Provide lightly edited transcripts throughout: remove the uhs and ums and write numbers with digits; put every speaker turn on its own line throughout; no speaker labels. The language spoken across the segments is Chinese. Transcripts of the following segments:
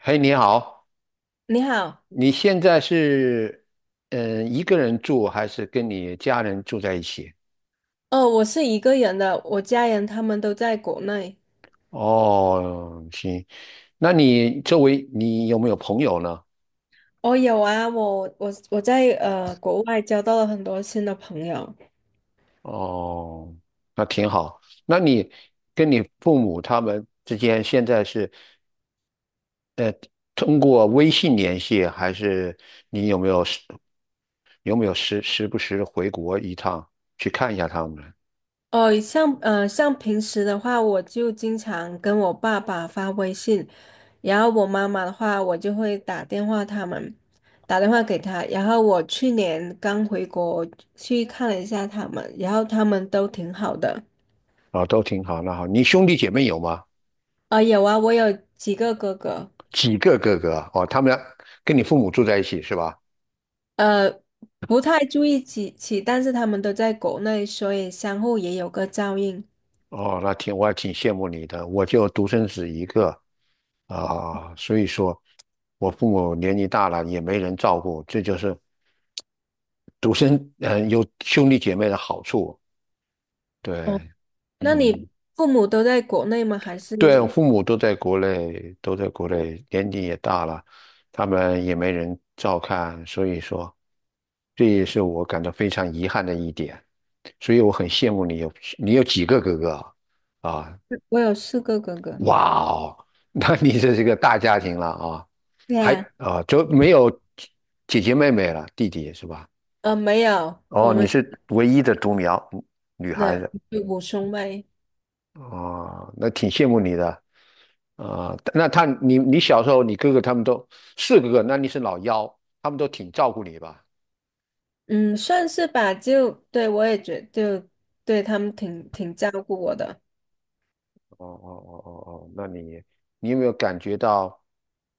嘿，你好，
你好。
你现在是一个人住还是跟你家人住在一起？
哦，我是一个人的，我家人他们都在国内。
哦，行，那你周围你有没有朋友呢？
哦，有啊，我在国外交到了很多新的朋友。
哦，那挺好。那你跟你父母他们之间现在是通过微信联系，还是你有没有时不时地回国一趟去看一下他们呢？
哦，像平时的话，我就经常跟我爸爸发微信，然后我妈妈的话，我就会打电话他们，打电话给他。然后我去年刚回国去看了一下他们，然后他们都挺好的。
哦，都挺好。那好，你兄弟姐妹有吗？
啊、有啊，我有几个哥哥。
几个哥哥啊，哦，他们跟你父母住在一起是吧？
呃，不太注意起起，但是他们都在国内，所以相互也有个照应。
哦，我还挺羡慕你的，我就独生子一个啊，所以说我父母年纪大了也没人照顾，这就是独生嗯呃有兄弟姐妹的好处。
哦，
对，
那你
嗯，
父母都在国内吗？还是
对，我父母都在国内，都在国内，年纪也大了，他们也没人照看，所以说，这也是我感到非常遗憾的一点。所以我很羡慕你有几个哥哥啊？啊，
我有四个哥哥？
哇哦，那你这是个大家庭了啊，
对
还
啊。
啊就没有姐姐妹妹了，弟弟是吧？
呃，没有，
哦，
我
你
们
是唯一的独苗女孩
的
子，
五兄妹。
啊，那挺羡慕你的。啊、那你小时候，你哥哥他们都四个哥，那你是老幺，他们都挺照顾你吧？
嗯，算是吧。就对我也觉就对他们挺照顾我的。
哦哦哦哦哦，那你有没有感觉到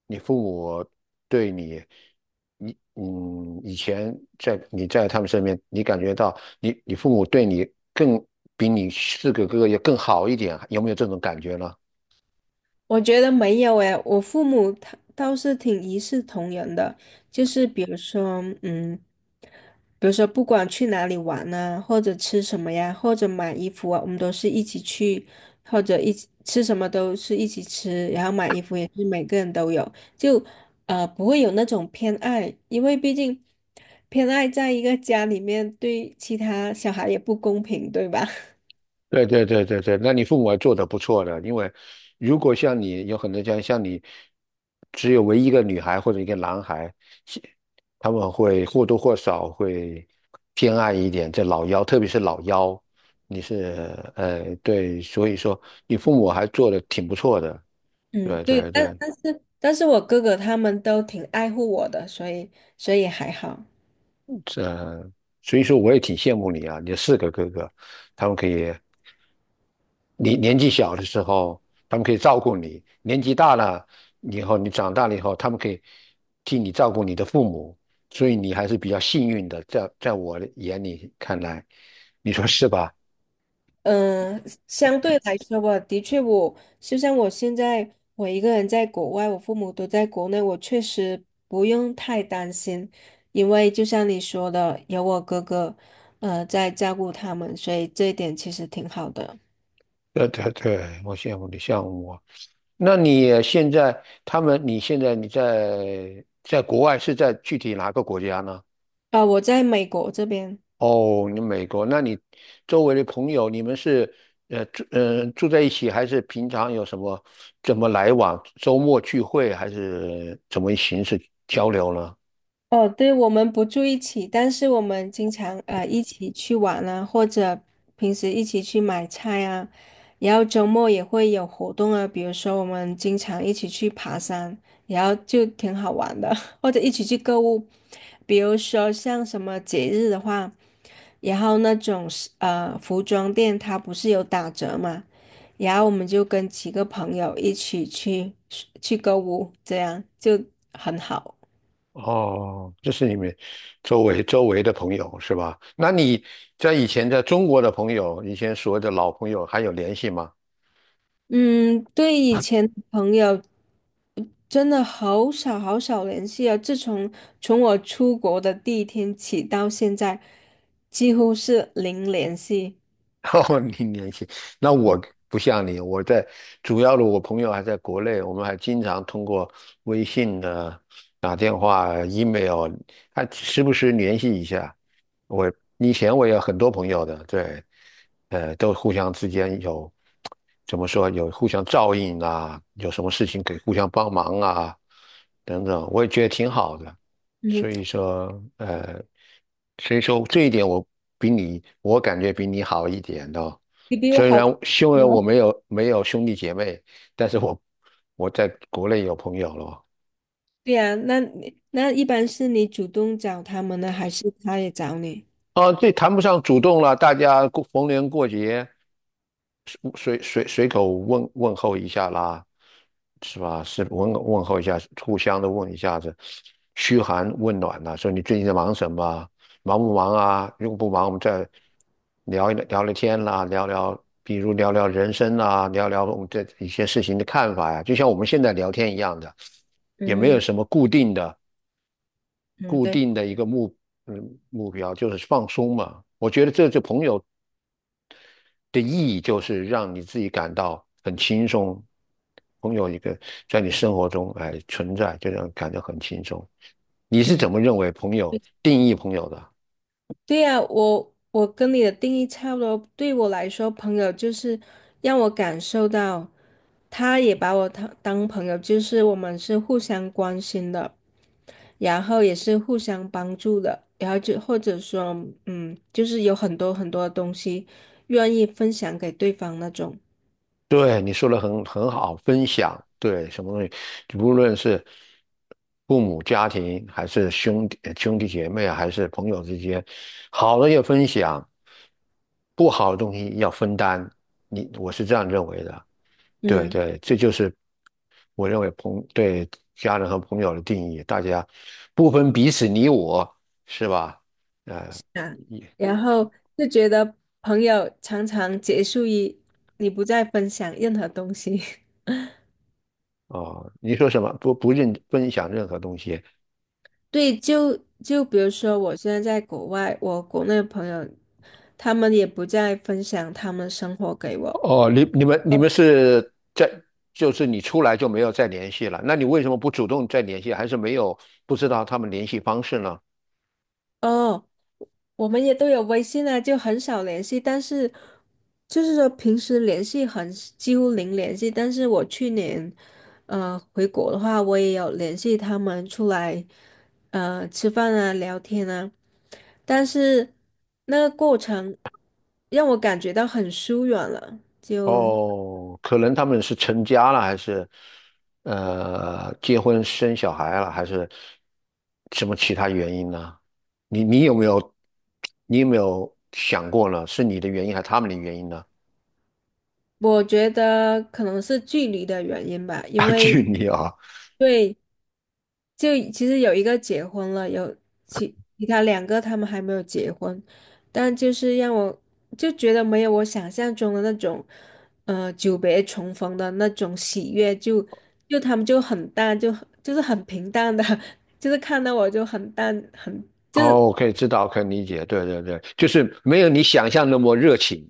你父母对你，你以前在他们身边，你感觉到你父母对你更比你四个哥哥要更好一点啊，有没有这种感觉呢？
我觉得没有诶，我父母他倒是挺一视同仁的，就是比如说，比如说不管去哪里玩啊，或者吃什么呀，或者买衣服啊，我们都是一起去，或者一起吃什么都是一起吃，然后买衣服也是每个人都有，就不会有那种偏爱，因为毕竟偏爱在一个家里面对其他小孩也不公平，对吧？
对对对对对，那你父母还做得不错的，因为如果像你有很多家像你只有唯一一个女孩或者一个男孩，其他们会或多或少会偏爱一点这老幺，特别是老幺，你是对，所以说你父母还做得挺不错的，
嗯，
对
对，
对
但
对，
但是但是我哥哥他们都挺爱护我的，所以所以还好。
这所以说我也挺羡慕你啊，你有四个哥哥，他们可以。你年纪小的时候，他们可以照顾你；年纪大了以后，你长大了以后，他们可以替你照顾你的父母，所以你还是比较幸运的。在我的眼里看来，你说是吧？
嗯，相对来说吧，的确我，就像我现在我一个人在国外，我父母都在国内，我确实不用太担心，因为就像你说的，有我哥哥，在照顾他们，所以这一点其实挺好的。
对对对，我羡慕你，羡慕我。那你现在他们，你现在在国外是在具体哪个国家呢？
啊、我在美国这边。
哦，你美国，那你周围的朋友，你们是住在一起，还是平常有什么怎么来往？周末聚会还是怎么形式交流呢？
哦，对，我们不住一起，但是我们经常一起去玩啊，或者平时一起去买菜啊，然后周末也会有活动啊，比如说我们经常一起去爬山，然后就挺好玩的，或者一起去购物，比如说像什么节日的话，然后那种是服装店它不是有打折嘛，然后我们就跟几个朋友一起去购物，这样就很好。
哦，这是你们周围的朋友是吧？那你在以前在中国的朋友，以前所谓的老朋友还有联系吗？
嗯，对以前的朋友真的好少好少联系啊。自从我出国的第一天起到现在，几乎是零联系。
哦，你联系那我不像你，主要的我朋友还在国内，我们还经常通过微信的、打电话、email，还时不时联系一下。我以前我也有很多朋友的，对，呃，都互相之间有怎么说，有互相照应啊，有什么事情可以互相帮忙啊，等等，我也觉得挺好的。所
嗯，
以说，呃，所以说这一点我比你，我感觉比你好一点哦。
你比我
虽
好
然
太
虽然
多
我
了。
没有兄弟姐妹，但是我在国内有朋友了哦。
对呀，那你那一般是你主动找他们呢，还是他也找你？
啊，这谈不上主动了，大家过逢年过节，随口问候一下啦，是吧？是问候一下，互相的问一下子，嘘寒问暖呐、说你最近在忙什么啊忙不忙啊？如果不忙，我们再聊一聊聊聊天啦，聊聊，比如聊聊人生啊，聊聊我们对一些事情的看法呀、就像我们现在聊天一样的，也没有
嗯
什么固定的
嗯，
固
对，
定的一个目标，就是放松嘛。我觉得这就朋友的意义就是让你自己感到很轻松。朋友一个在你生活中存在，就让你感觉很轻松。你是
嗯。
怎么认为朋友定义朋友的？
对呀，我跟你的定义差不多。对我来说，朋友就是让我感受到，他也把我当朋友，就是我们是互相关心的，然后也是互相帮助的，然后就或者说，就是有很多很多东西愿意分享给对方那种。
对，你说的很好，分享，对，什么东西，无论是父母、家庭，还是兄弟姐妹啊，还是朋友之间，好的要分享，不好的东西要分担。你，我是这样认为的。对
嗯
对，这就是我认为对家人和朋友的定义，大家不分彼此你我，是吧？呃，
啊，
你
然后就觉得朋友常常结束于你不再分享任何东西。
哦，你说什么？不认分享任何东西。
对，就比如说，我现在在国外，我国内的朋友，他们也不再分享他们生活给我。
哦，你们是就是你出来就没有再联系了，那你为什么不主动再联系？还是没有不知道他们联系方式呢？
哦，我们也都有微信啊，就很少联系，但是就是说平时联系很几乎零联系。但是我去年，回国的话，我也有联系他们出来，吃饭啊，聊天啊，但是那个过程让我感觉到很疏远了，就。
哦，可能他们是成家了，还是结婚生小孩了，还是什么其他原因呢？你你有没有你有没有想过呢？是你的原因还是他们的原因呢？
我觉得可能是距离的原因吧，
啊，
因为
距离啊，
对，就其实有一个结婚了，有其他两个他们还没有结婚，但就是让我就觉得没有我想象中的那种，久别重逢的那种喜悦，就他们就很淡，就很就是很平淡的，就是看到我就很淡，很就是
哦，可以知道，可以理解，对对对，就是没有你想象那么热情。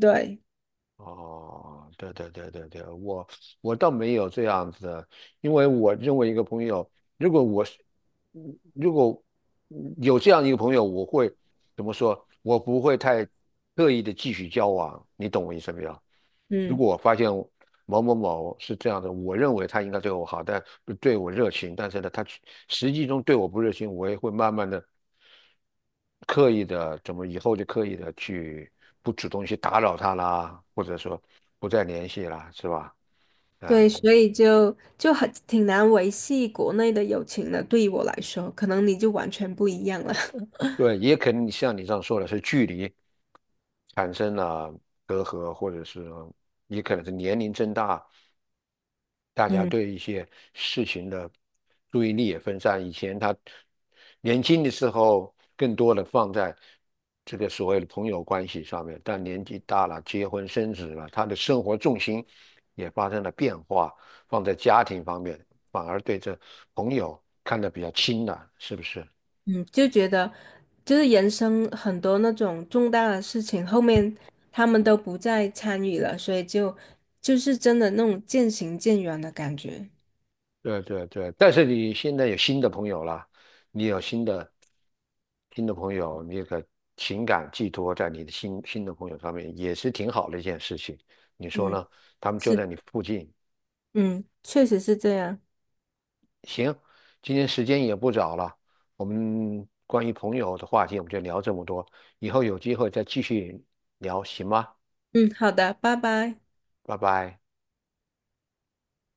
对。
哦，对对对对对，我倒没有这样子的，因为我认为一个朋友，如果我是，嗯如果嗯有这样一个朋友，我会怎么说？我不会太刻意的继续交往，你懂我意思没有？如
嗯。
果我发现某某某是这样的，我认为他应该对我好，但对我热情，但是呢，他实际中对我不热情，我也会慢慢的。刻意的怎么以后就刻意的去不主动去打扰他啦，或者说不再联系啦，是吧？
对，
嗯，
所以就很挺难维系国内的友情的，对于我来说，可能你就完全不一样了。
对，也可能像你这样说的是距离产生了隔阂，或者是也可能是年龄增大，大家
嗯
对一些事情的注意力也分散。以前他年轻的时候更多的放在这个所谓的朋友关系上面，但年纪大了，结婚生子了，他的生活重心也发生了变化，放在家庭方面，反而对这朋友看得比较轻了，是不是？
嗯，就觉得就是人生很多那种重大的事情，后面他们都不再参与了，所以就是真的那种渐行渐远的感觉。
对对对，但是你现在有新的朋友了，你有新的朋友，你情感寄托在你的新的朋友上面，也是挺好的一件事情。你说
嗯，
呢？他们就
是，
在你附近。
嗯，确实是这样。
行，今天时间也不早了，我们关于朋友的话题我们就聊这么多，以后有机会再继续聊，行吗？
嗯，好的，拜拜。
拜拜。